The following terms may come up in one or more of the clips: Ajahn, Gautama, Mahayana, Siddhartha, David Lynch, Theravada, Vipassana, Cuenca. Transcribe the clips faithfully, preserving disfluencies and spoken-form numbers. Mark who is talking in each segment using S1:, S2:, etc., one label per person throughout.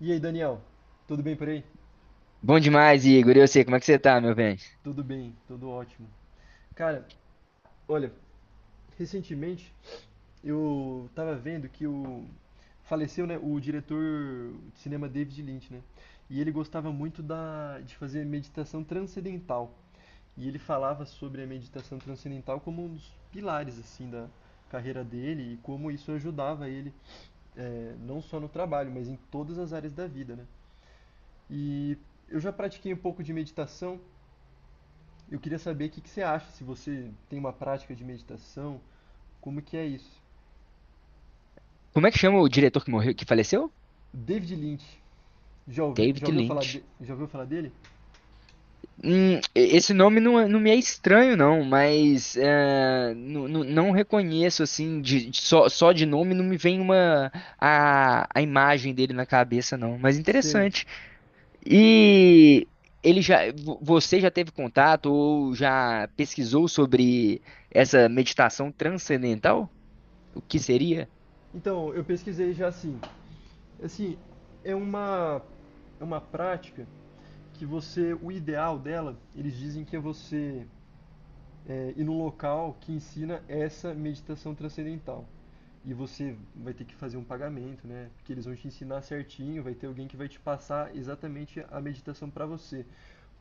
S1: E aí, Daniel? Tudo bem por aí?
S2: Bom demais, Igor. E eu sei como é que você tá, meu bem?
S1: Tudo bem, tudo ótimo. Cara, olha, recentemente eu tava vendo que o faleceu, né, o diretor de cinema David Lynch, né? E ele gostava muito da de fazer meditação transcendental. E ele falava sobre a meditação transcendental como um dos pilares assim da carreira dele e como isso ajudava ele eh, não só no trabalho, mas em todas as áreas da vida, né? E eu já pratiquei um pouco de meditação. Eu queria saber o que que você acha, se você tem uma prática de meditação, como que é isso?
S2: Como é que chama o diretor que morreu, que faleceu?
S1: David Lynch, já ouvi,
S2: David
S1: já ouviu falar
S2: Lynch.
S1: de- já ouviu falar dele?
S2: Hum, e- esse nome não, é- não me é estranho, não, mas é, nu- nu- não reconheço, assim, de, de- só, só de nome não me vem uma, a, a imagem dele na cabeça, não. Mas
S1: Sei.
S2: interessante. E ele já, vo- você já teve contato ou já pesquisou sobre essa meditação transcendental? O que seria?
S1: Então, eu pesquisei já assim. Assim, é uma é uma prática que você, o ideal dela, eles dizem que é você é, ir num local que ensina essa meditação transcendental. E você vai ter que fazer um pagamento, né? Porque eles vão te ensinar certinho, vai ter alguém que vai te passar exatamente a meditação para você.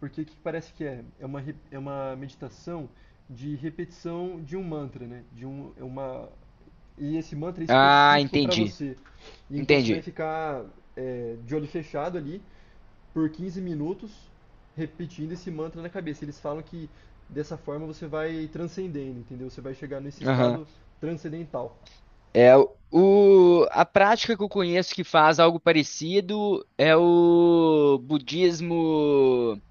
S1: Porque o que parece que é? É uma, re- é uma meditação de repetição de um mantra, né? De um, é uma, e esse mantra é
S2: Ah,
S1: específico para
S2: entendi.
S1: você. E então você vai
S2: Entendi.
S1: ficar é, de olho fechado ali por quinze minutos repetindo esse mantra na cabeça. Eles falam que dessa forma você vai transcendendo, entendeu? Você vai chegar nesse estado transcendental.
S2: É o, a prática que eu conheço que faz algo parecido é o budismo,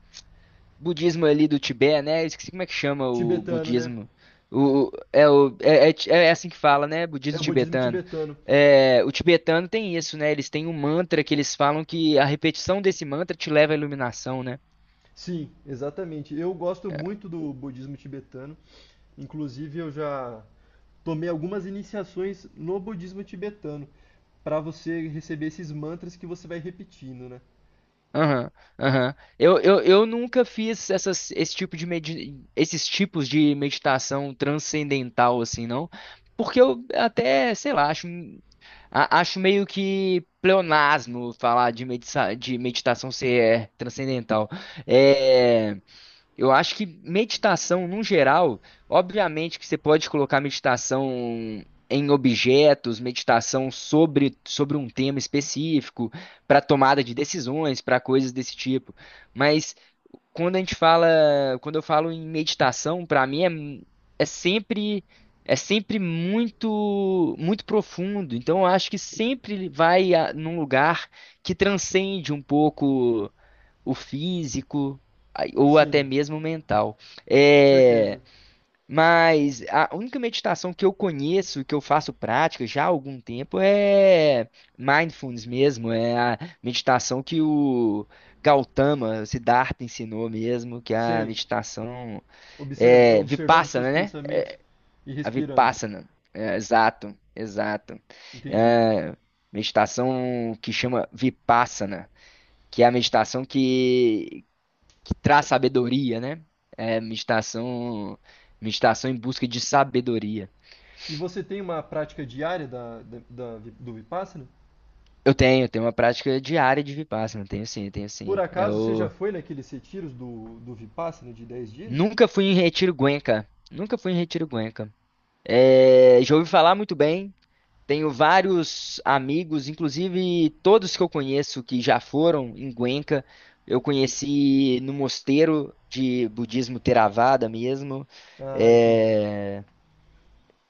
S2: budismo ali do Tibete, né? Esqueci como é que chama o
S1: Tibetano, né?
S2: budismo. O, é, o, é, é, é assim que fala, né?
S1: É
S2: Budismo
S1: o budismo
S2: tibetano.
S1: tibetano.
S2: É, o tibetano tem isso, né? Eles têm um mantra que eles falam que a repetição desse mantra te leva à iluminação, né?
S1: Sim, exatamente. Eu gosto muito do budismo tibetano. Inclusive, eu já tomei algumas iniciações no budismo tibetano para você receber esses mantras que você vai repetindo, né?
S2: Aham, aham. Eu, eu, eu nunca fiz essas, esse tipo de medi- esses tipos de meditação transcendental, assim, não. Porque eu até, sei lá, acho, a- acho meio que pleonasmo falar de, medita- de meditação ser é, transcendental. É. Eu acho que meditação, no geral, obviamente que você pode colocar meditação em objetos, meditação sobre, sobre um tema específico, para tomada de decisões, para coisas desse tipo. Mas quando a gente fala, quando eu falo em meditação, para mim é, mu- é sempre é sempre muito muito profundo. Então eu acho que sempre vai a, num lugar que transcende um pouco o físico ai- ou até
S1: Sim,
S2: mesmo o mental.
S1: com certeza.
S2: É, mas a única meditação que eu conheço, que eu faço prática já há algum tempo, é mindfulness mesmo, é a meditação que o Gautama, o Siddhartha ensinou mesmo, que é a
S1: Sei.
S2: meditação
S1: Observ-
S2: é,
S1: observando seus
S2: Vipassana, né?
S1: pensamentos e
S2: A
S1: respirando.
S2: Vipassana, é, exato, exato.
S1: Entendi.
S2: É, meditação que chama Vipassana que é a meditação que traz sabedoria, né? É meditação, meditação em busca de sabedoria.
S1: E você tem uma prática diária da, da- da vi- do Vipassana?
S2: Eu tenho, eu tenho uma prática diária de Vipassana, tenho sim, tenho
S1: Por
S2: sim.
S1: acaso você já
S2: Eu
S1: foi naqueles retiros do, do Vipassana de dez dias?
S2: nunca fui em retiro Cuenca, nunca fui em retiro Cuenca. É, já ouvi falar muito bem, tenho vários amigos, inclusive todos que eu conheço que já foram em Cuenca, eu conheci no mosteiro de budismo Theravada mesmo.
S1: Ah, entendi.
S2: É,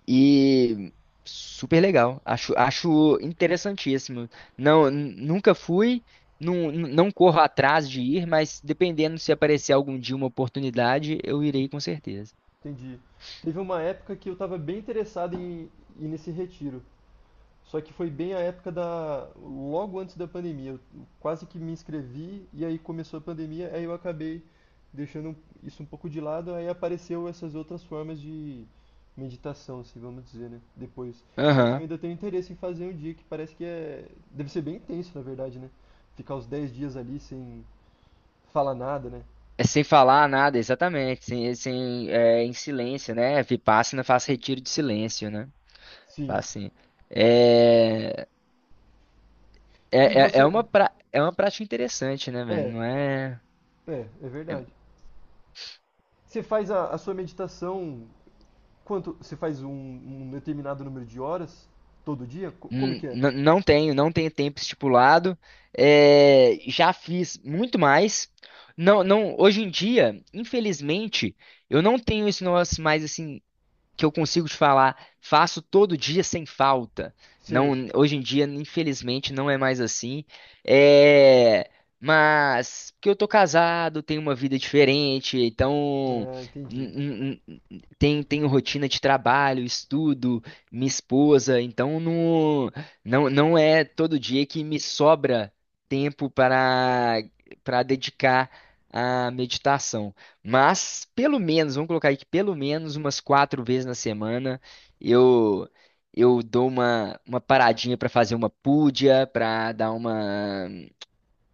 S2: e super legal. Acho, acho interessantíssimo. Não, n- nunca fui, não, não corro atrás de ir, mas dependendo se aparecer algum dia uma oportunidade, eu irei com certeza.
S1: Entendi. Teve uma época que eu estava bem interessado em ir nesse retiro. Só que foi bem a época da, logo antes da pandemia. Eu quase que me inscrevi e aí começou a pandemia, aí eu acabei deixando isso um pouco de lado, aí apareceu essas outras formas de meditação, assim, vamos dizer, né? Depois. Mas eu
S2: Aham.
S1: ainda tenho interesse em fazer um dia que parece que é, deve ser bem intenso, na verdade, né? Ficar os dez dias ali sem falar nada, né?
S2: É sem falar nada, exatamente. Sem, sem, é, em silêncio, né? Vipassana faz retiro de silêncio, né? Faz
S1: Sim.
S2: assim. É,
S1: E
S2: é, é é
S1: você,
S2: uma, pra, é uma prática interessante, né, velho?
S1: é,
S2: Não é.
S1: é, é
S2: É.
S1: verdade. Você faz a, a sua meditação quanto? Você faz um, um determinado número de horas todo dia? Co- Como
S2: N-
S1: que é?
S2: n- Não tenho, não tenho tempo estipulado. É, já fiz muito mais. Não, não, hoje em dia, infelizmente, eu não tenho isso nós mais assim que eu consigo te falar, faço todo dia sem falta.
S1: Sei.
S2: Não, hoje em dia, infelizmente, não é mais assim. É, mas porque eu tô casado, tenho uma vida diferente, então
S1: Ah, entendi.
S2: n- n- n- tenho, tenho rotina de trabalho, estudo, minha esposa, então não, não, não é todo dia que me sobra tempo para para dedicar à meditação. Mas, pelo menos, vamos colocar aí que pelo menos umas quatro vezes na semana eu eu dou uma, uma paradinha para fazer uma púdia, para dar uma,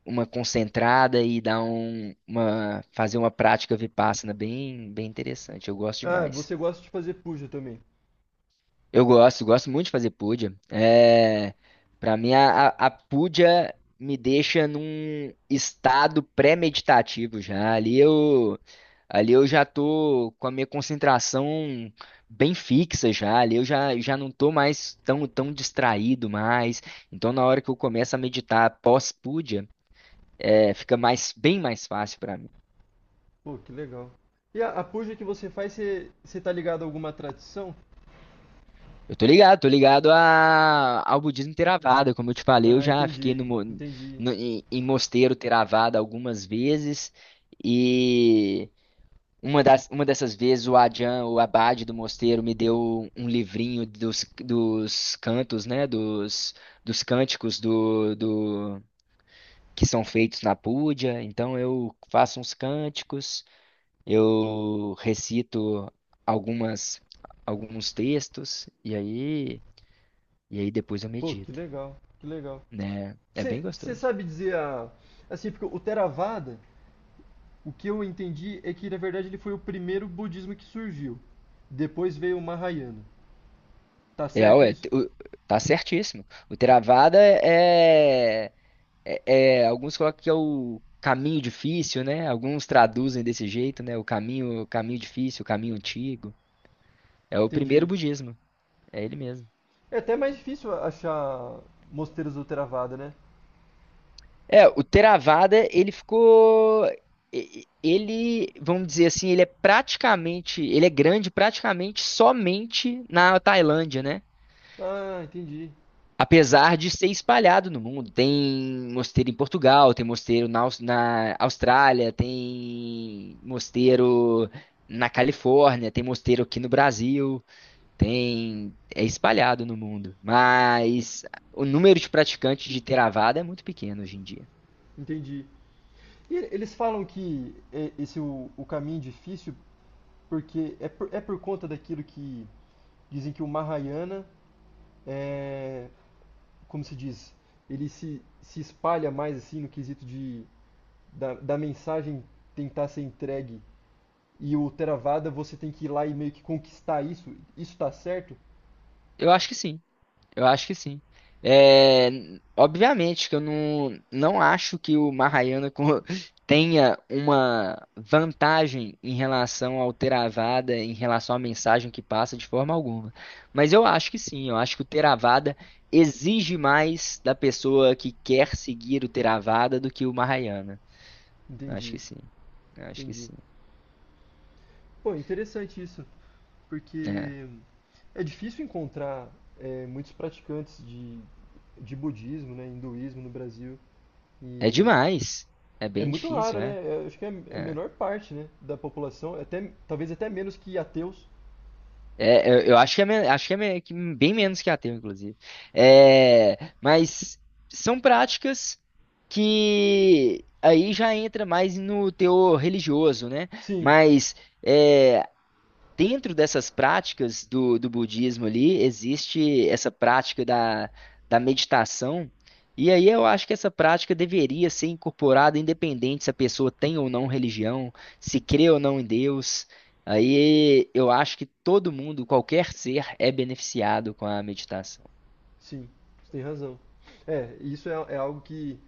S2: uma concentrada e dar um, uma, fazer uma prática vipassana bem, bem interessante. Eu gosto
S1: Ah,
S2: demais.
S1: você gosta de fazer puja também.
S2: Eu gosto, gosto muito de fazer puja. É, para mim, a, a a puja me deixa num estado pré-meditativo já. Ali eu, ali eu já tô com a minha concentração bem fixa já. Ali eu já, já não tô mais tão, tão distraído mais. Então, na hora que eu começo a meditar pós-puja, é, fica mais, bem mais fácil para mim.
S1: Pô, que legal. E a, a puja que você faz, você, você tá ligado a alguma tradição?
S2: Eu tô ligado, tô ligado a, ao budismo Theravada. Como eu te falei, eu
S1: Ah,
S2: já fiquei
S1: entendi,
S2: no, mo-
S1: entendi.
S2: no- em, em mosteiro Theravada algumas vezes e uma das, uma dessas vezes o Ajahn, o abade do mosteiro, me deu um livrinho dos, dos cantos, né, dos, dos cânticos do, do que são feitos na Púdia. Então eu faço uns cânticos, eu recito algumas alguns textos e aí e aí depois eu
S1: Pô, que
S2: medito,
S1: legal, que legal.
S2: né? É bem
S1: Você você
S2: gostoso.
S1: sabe dizer a, assim, porque o Theravada, o que eu entendi é que na verdade ele foi o primeiro budismo que surgiu. Depois veio o Mahayana. Tá
S2: É,
S1: certo
S2: ué,
S1: isso?
S2: t- o- tá certíssimo. O Theravada é, é, é- alguns colocam que é o caminho difícil, né? Alguns traduzem desse jeito, né? O caminho, o caminho difícil, o caminho antigo. É o primeiro
S1: Entendi.
S2: budismo, é ele mesmo.
S1: É até mais difícil achar mosteiros do Theravada, né?
S2: É, o Theravada, ele ficou e- e- ele, vamos dizer assim, ele é praticamente, ele é grande praticamente somente na Tailândia, né?
S1: Ah, entendi.
S2: Apesar de ser espalhado no mundo, tem mosteiro em Portugal, tem mosteiro na, Aus- na Austrália, tem mosteiro na Califórnia, tem mosteiro aqui no Brasil, tem é espalhado no mundo, mas o número de praticantes de Theravada é muito pequeno hoje em dia.
S1: Entendi. E eles falam que é esse o, o caminho difícil porque é por, é por conta daquilo que dizem que o Mahayana é, como se diz, ele se, se espalha mais assim no quesito de da, da mensagem tentar ser entregue e o Theravada você tem que ir lá e meio que conquistar isso. Isso tá certo?
S2: Eu acho que sim. Eu acho que sim. É, obviamente que eu não, não acho que o Mahayana co- tenha uma vantagem em relação ao Theravada, em relação à mensagem que passa de forma alguma. Mas eu acho que sim, eu acho que o Theravada exige mais da pessoa que quer seguir o Theravada do que o Mahayana. Eu acho
S1: Entendi,
S2: que sim. Eu acho que
S1: entendi.
S2: sim.
S1: Pô, interessante isso.
S2: É,
S1: Porque é difícil encontrar eh, muitos praticantes de, de budismo, né, hinduísmo no Brasil.
S2: é
S1: E
S2: demais. É
S1: é
S2: bem
S1: muito raro,
S2: difícil, é.
S1: né? Eu acho que é é a
S2: É.
S1: menor parte, né, da população. É até, talvez até menos que ateus.
S2: É, eu, eu acho que é, men- acho que é men- que bem menos que ateu, inclusive. É, mas são práticas que aí já entra mais no teor religioso, né?
S1: Sim,
S2: Mas é, dentro dessas práticas do, do budismo ali, existe essa prática da, da meditação. E aí eu acho que essa prática deveria ser incorporada, independente se a pessoa tem ou não religião, se crê ou não em Deus. Aí eu acho que todo mundo, qualquer ser, é beneficiado com a meditação.
S1: sim, você tem razão. É, isso é, é algo que,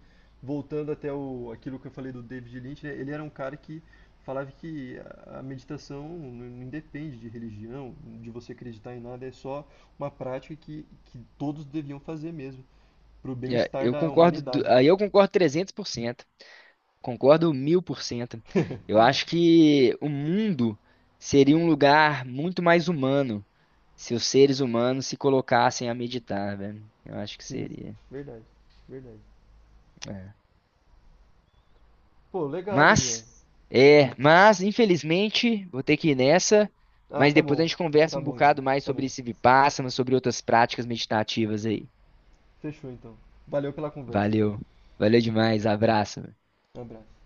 S1: voltando até o, aquilo que eu falei do David Lynch, né, ele era um cara que falava que a, a meditação não, não independe de religião, de você acreditar em nada, é só uma prática que, que todos deviam fazer mesmo, pro
S2: É,
S1: bem-estar
S2: eu
S1: da
S2: concordo, du-
S1: humanidade.
S2: aí eu concordo trezentos por cento. Concordo mil por cento. Eu acho que o mundo seria um lugar muito mais humano se os seres humanos se colocassem a meditar, velho. Eu acho que
S1: Sim,
S2: seria.
S1: verdade, verdade.
S2: É.
S1: Pô, legal, Daniel.
S2: Mas, é, mas, infelizmente, vou ter que ir nessa.
S1: Ah,
S2: Mas
S1: tá
S2: depois a
S1: bom,
S2: gente
S1: tá
S2: conversa um
S1: bom então,
S2: bocado mais
S1: tá bom.
S2: sobre esse Vipassana, sobre outras práticas meditativas aí.
S1: Fechou então. Valeu pela conversa.
S2: Valeu. Valeu demais. Abraço.
S1: Um abraço.